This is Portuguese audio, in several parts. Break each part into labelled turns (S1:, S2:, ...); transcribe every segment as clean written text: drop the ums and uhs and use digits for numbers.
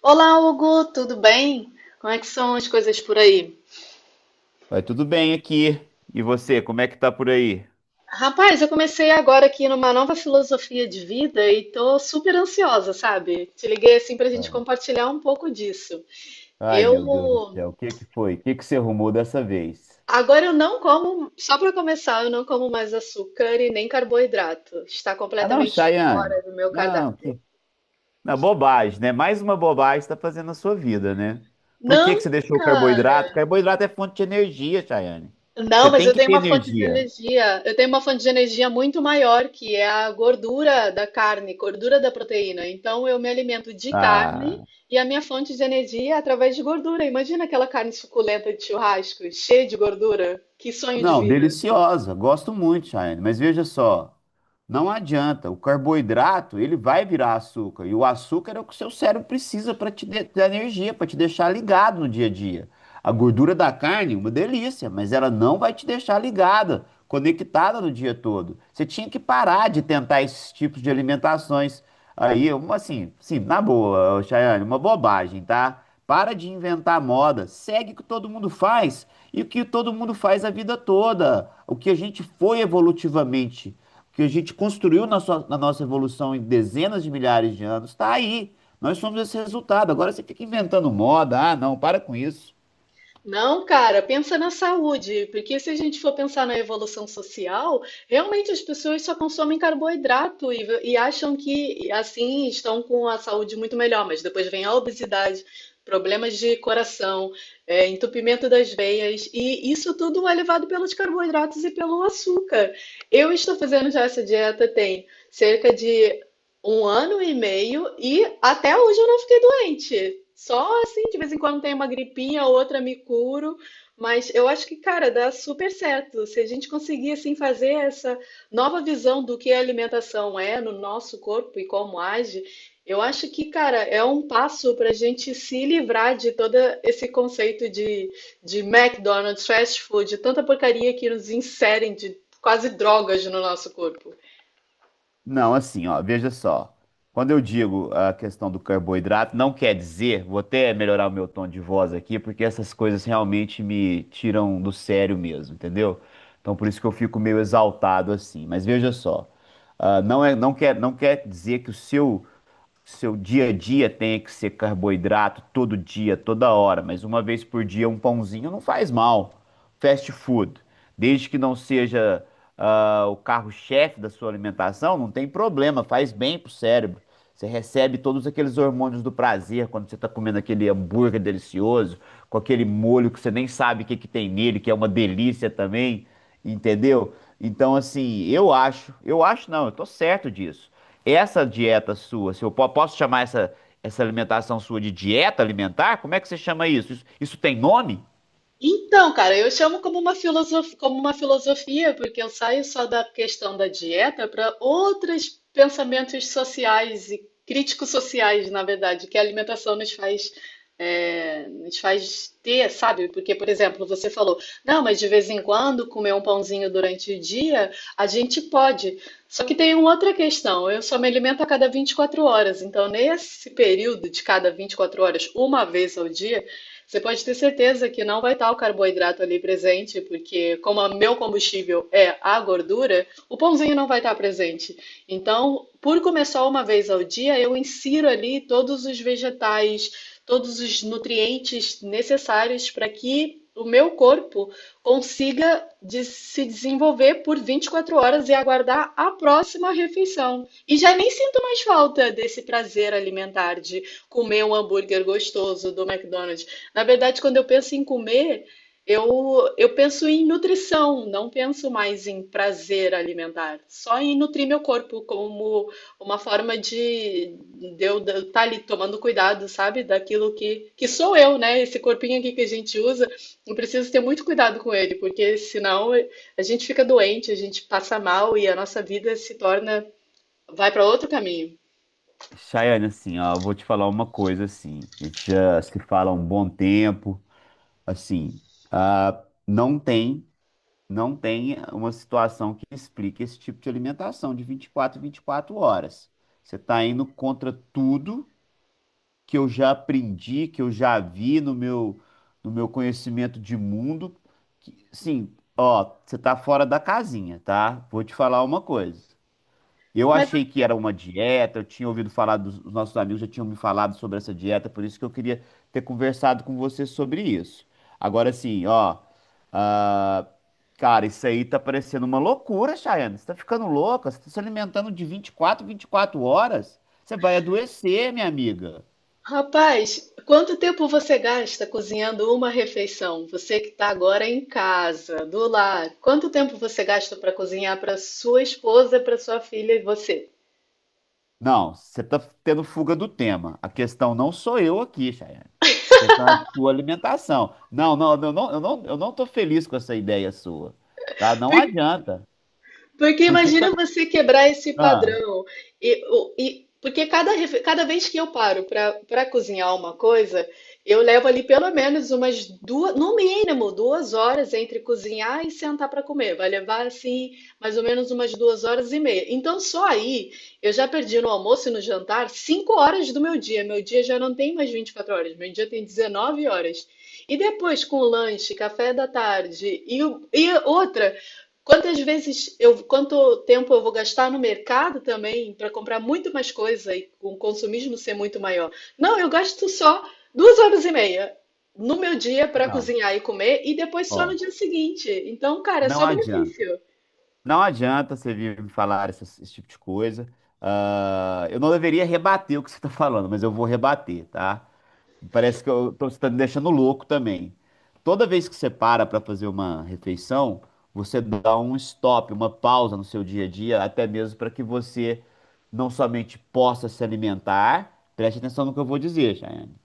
S1: Olá, Hugo, tudo bem? Como é que são as coisas por aí?
S2: Vai tudo bem aqui. E você, como é que tá por aí?
S1: Rapaz, eu comecei agora aqui numa nova filosofia de vida e tô super ansiosa, sabe? Te liguei assim pra gente
S2: Ai,
S1: compartilhar um pouco disso.
S2: ai,
S1: Eu
S2: meu Deus do céu, o que que foi? O que que você arrumou dessa vez?
S1: agora eu não como, só pra começar, eu não como mais açúcar e nem carboidrato. Está
S2: Ah, não,
S1: completamente fora
S2: Chayane.
S1: do meu
S2: Não,
S1: cardápio.
S2: que... Não, bobagem, né? Mais uma bobagem está fazendo na sua vida, né? Por que
S1: Não,
S2: que você deixou o carboidrato? Carboidrato é fonte de energia, Chayane.
S1: não,
S2: Você
S1: mas
S2: tem
S1: eu
S2: que
S1: tenho
S2: ter
S1: uma fonte de
S2: energia.
S1: energia. Eu tenho uma fonte de energia muito maior, que é a gordura da carne, gordura da proteína. Então eu me alimento de carne
S2: Ah.
S1: e a minha fonte de energia é através de gordura. Imagina aquela carne suculenta de churrasco, cheia de gordura. Que sonho de
S2: Não,
S1: vida.
S2: deliciosa, gosto muito, Chayane, mas veja só, não adianta, o carboidrato, ele vai virar açúcar, e o açúcar é o que o seu cérebro precisa para te dar energia, para te deixar ligado no dia a dia. A gordura da carne, é uma delícia, mas ela não vai te deixar ligada, conectada no dia todo. Você tinha que parar de tentar esses tipos de alimentações aí, uma assim, sim, na boa, ô, Chayane, uma bobagem, tá? Para de inventar moda, segue o que todo mundo faz e o que todo mundo faz a vida toda. O que a gente foi evolutivamente, o que a gente construiu na nossa evolução em dezenas de milhares de anos, está aí. Nós somos esse resultado. Agora você fica inventando moda. Ah, não, para com isso.
S1: Não, cara, pensa na saúde, porque se a gente for pensar na evolução social, realmente as pessoas só consomem carboidrato e acham que assim estão com a saúde muito melhor, mas depois vem a obesidade, problemas de coração, entupimento das veias, e isso tudo é levado pelos carboidratos e pelo açúcar. Eu estou fazendo já essa dieta tem cerca de 1 ano e meio e até hoje eu não fiquei doente. Só assim, de vez em quando tem uma gripinha, outra me curo, mas eu acho que, cara, dá super certo. Se a gente conseguir assim fazer essa nova visão do que a alimentação é no nosso corpo e como age, eu acho que, cara, é um passo para a gente se livrar de todo esse conceito de McDonald's, fast food, tanta porcaria que nos inserem de quase drogas no nosso corpo.
S2: Não, assim, ó, veja só. Quando eu digo a questão do carboidrato, não quer dizer, vou até melhorar o meu tom de voz aqui, porque essas coisas realmente me tiram do sério mesmo, entendeu? Então por isso que eu fico meio exaltado assim. Mas veja só, não é, não quer dizer que o seu dia a dia tenha que ser carboidrato todo dia, toda hora, mas uma vez por dia um pãozinho não faz mal. Fast food, desde que não seja o carro-chefe da sua alimentação, não tem problema, faz bem pro cérebro. Você recebe todos aqueles hormônios do prazer quando você está comendo aquele hambúrguer delicioso, com aquele molho que você nem sabe o que que tem nele, que é uma delícia também, entendeu? Então, assim, eu acho não, eu tô certo disso. Essa dieta sua, se eu posso chamar essa alimentação sua de dieta alimentar? Como é que você chama isso? Isso tem nome?
S1: Então, cara, eu chamo como uma filosofia, porque eu saio só da questão da dieta para outros pensamentos sociais e críticos sociais, na verdade, que a alimentação nos faz, nos faz ter, sabe? Porque, por exemplo, você falou, não, mas de vez em quando comer um pãozinho durante o dia, a gente pode. Só que tem uma outra questão, eu só me alimento a cada 24 horas, então nesse período de cada 24 horas, uma vez ao dia, você pode ter certeza que não vai estar o carboidrato ali presente, porque como o meu combustível é a gordura, o pãozinho não vai estar presente. Então, por começar uma vez ao dia, eu insiro ali todos os vegetais, todos os nutrientes necessários para que o meu corpo se desenvolver por 24 horas e aguardar a próxima refeição. E já nem sinto mais falta desse prazer alimentar de comer um hambúrguer gostoso do McDonald's. Na verdade, quando eu penso em comer, eu penso em nutrição, não penso mais em prazer alimentar, só em nutrir meu corpo como uma forma de eu estar ali tomando cuidado, sabe? Daquilo que sou eu, né? Esse corpinho aqui que a gente usa, eu preciso ter muito cuidado com ele, porque senão a gente fica doente, a gente passa mal e a nossa vida se torna, vai para outro caminho.
S2: Chayane, assim, ó, eu vou te falar uma coisa, assim, a gente já se fala há um bom tempo, assim, ah, não tem, não tem uma situação que explique esse tipo de alimentação de 24 horas. Você está indo contra tudo que eu já aprendi, que eu já vi no meu conhecimento de mundo. Que, sim, ó, você tá fora da casinha, tá? Vou te falar uma coisa. Eu achei que era uma dieta, eu tinha ouvido falar dos os nossos amigos já tinham me falado sobre essa dieta, por isso que eu queria ter conversado com você sobre isso. Agora sim, ó, ah, cara, isso aí tá parecendo uma loucura, Chayana. Você tá ficando louca, você tá se alimentando de vinte e quatro horas. Você vai adoecer, minha amiga.
S1: Rapaz, quanto tempo você gasta cozinhando uma refeição? Você que está agora em casa, do lar, quanto tempo você gasta para cozinhar para sua esposa, para sua filha e você?
S2: Não, você está tendo fuga do tema. A questão não sou eu aqui, Chayane. A questão é a sua alimentação. Não, não, eu não tô feliz com essa ideia sua, tá? Não adianta,
S1: Porque
S2: porque
S1: imagina
S2: tá...
S1: você quebrar esse
S2: Ah,
S1: padrão. Porque cada vez que eu paro para cozinhar uma coisa, eu levo ali pelo menos umas duas, no mínimo 2 horas entre cozinhar e sentar para comer. Vai levar assim mais ou menos umas 2 horas e meia. Então só aí eu já perdi no almoço e no jantar 5 horas do meu dia. Meu dia já não tem mais 24 horas, meu dia tem 19 horas. E depois com o lanche, café da tarde e outra. Quanto tempo eu vou gastar no mercado também para comprar muito mais coisa e o consumismo ser muito maior? Não, eu gasto só 2 horas e meia no meu dia para
S2: não,
S1: cozinhar e comer e depois só no
S2: ó,
S1: dia seguinte. Então, cara, é
S2: não
S1: só
S2: adianta.
S1: benefício.
S2: Não adianta você vir me falar esse tipo de coisa. Ah, eu não deveria rebater o que você está falando, mas eu vou rebater, tá? Parece que eu tô, você tá me deixando louco também. Toda vez que você para para fazer uma refeição, você dá um stop, uma pausa no seu dia a dia, até mesmo para que você não somente possa se alimentar, preste atenção no que eu vou dizer, Chayane,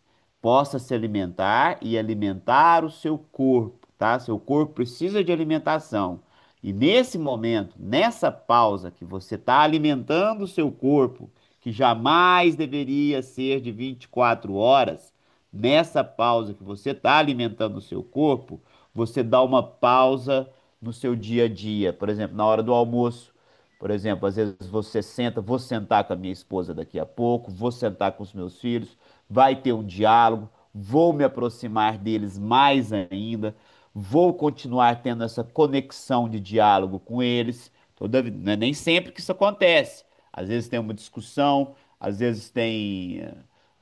S2: possa se alimentar e alimentar o seu corpo, tá? Seu corpo precisa de alimentação. E nesse momento, nessa pausa que você está alimentando o seu corpo, que jamais deveria ser de 24 horas, nessa pausa que você está alimentando o seu corpo, você dá uma pausa no seu dia a dia. Por exemplo, na hora do almoço, por exemplo, às vezes você senta, vou sentar com a minha esposa daqui a pouco, vou sentar com os meus filhos, vai ter um diálogo, vou me aproximar deles mais ainda, vou continuar tendo essa conexão de diálogo com eles. Toda, né, nem sempre que isso acontece. Às vezes tem uma discussão, às vezes tem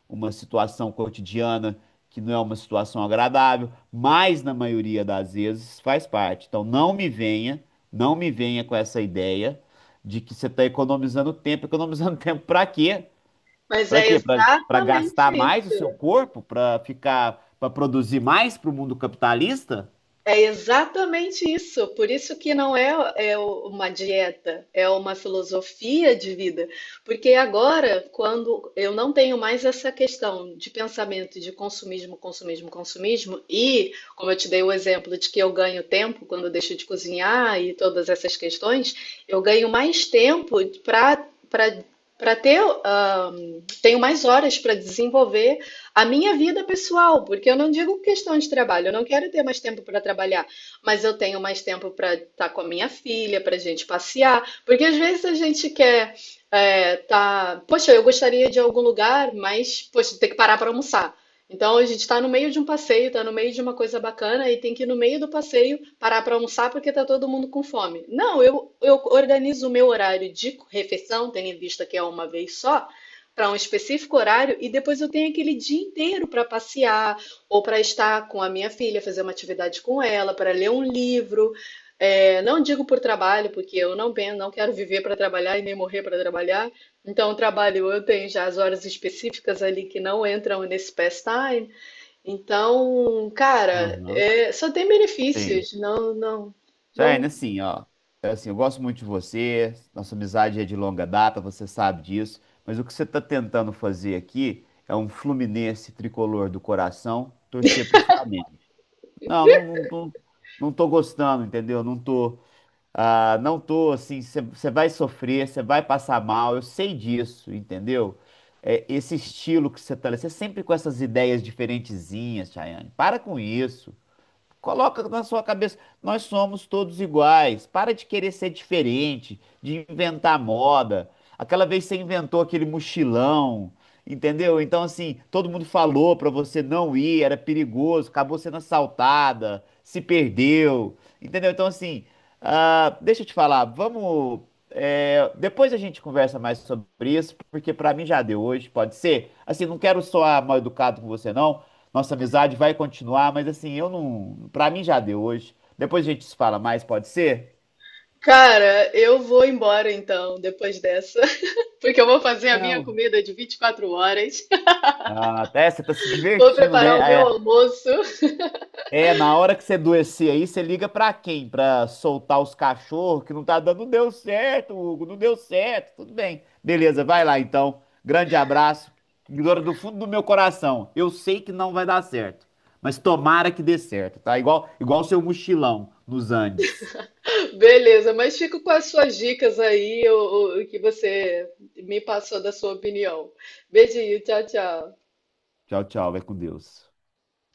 S2: uma situação cotidiana que não é uma situação agradável, mas na maioria das vezes faz parte. Então não me venha, não me venha com essa ideia de que você está economizando tempo. Economizando tempo para quê?
S1: Mas
S2: Para
S1: é
S2: quê? Para
S1: exatamente
S2: gastar mais o
S1: isso.
S2: seu corpo? Para ficar, para produzir mais para o mundo capitalista?
S1: É exatamente isso. Por isso que não é, é uma dieta, é uma filosofia de vida. Porque agora, quando eu não tenho mais essa questão de pensamento de consumismo, consumismo, consumismo, e como eu te dei o exemplo de que eu ganho tempo quando eu deixo de cozinhar e todas essas questões, eu ganho mais tempo para para para tenho mais horas para desenvolver a minha vida pessoal, porque eu não digo questão de trabalho, eu não quero ter mais tempo para trabalhar, mas eu tenho mais tempo para estar com a minha filha, para a gente passear, porque às vezes a gente quer tá, poxa, eu gostaria de ir a algum lugar, mas poxa, tem que parar para almoçar. Então a gente está no meio de um passeio, está no meio de uma coisa bacana e tem que ir no meio do passeio parar para almoçar porque está todo mundo com fome. Não, eu organizo o meu horário de refeição, tendo em vista que é uma vez só, para um específico horário e depois eu tenho aquele dia inteiro para passear ou para estar com a minha filha, fazer uma atividade com ela, para ler um livro. É, não digo por trabalho, porque eu não, pen- não quero viver para trabalhar e nem morrer para trabalhar. Então, o trabalho eu tenho já as horas específicas ali que não entram nesse pastime. Então, cara,
S2: Aham,
S1: só tem
S2: tem.
S1: benefícios. Não, não,
S2: Jaiane,
S1: não.
S2: assim, ó, é assim, eu gosto muito de você, nossa amizade é de longa data, você sabe disso, mas o que você está tentando fazer aqui é um Fluminense tricolor do coração torcer pro Flamengo. Não, não, não, não, não tô gostando, entendeu? Não tô assim, você vai sofrer, você vai passar mal, eu sei disso, entendeu? É, esse estilo que você tá, você sempre com essas ideias diferentezinhas, Chayane, para com isso. Coloca na sua cabeça, nós somos todos iguais. Para de querer ser diferente, de inventar moda. Aquela vez você inventou aquele mochilão, entendeu? Então, assim, todo mundo falou para você não ir, era perigoso, acabou sendo assaltada, se perdeu, entendeu? Então, assim, deixa eu te falar, vamos. Depois a gente conversa mais sobre isso, porque para mim já deu hoje, pode ser? Assim, não quero soar mal educado com você, não. Nossa amizade vai continuar, mas assim, eu não. Pra mim já deu hoje. Depois a gente se fala mais, pode ser?
S1: Cara, eu vou embora então, depois dessa, porque eu vou fazer a minha
S2: Não.
S1: comida de 24 horas.
S2: Ah, até você tá se
S1: Vou
S2: divertindo, né?
S1: preparar o meu almoço.
S2: É, na hora que você adoecer aí, você liga pra quem? Pra soltar os cachorros, que não tá dando. Não deu certo, Hugo, não deu certo. Tudo bem. Beleza, vai lá então. Grande abraço. Ignora do fundo do meu coração. Eu sei que não vai dar certo, mas tomara que dê certo, tá? Igual o seu mochilão nos Andes.
S1: Beleza, mas fico com as suas dicas aí, o que você me passou da sua opinião. Beijinho, tchau, tchau.
S2: Tchau, tchau. Vai com Deus.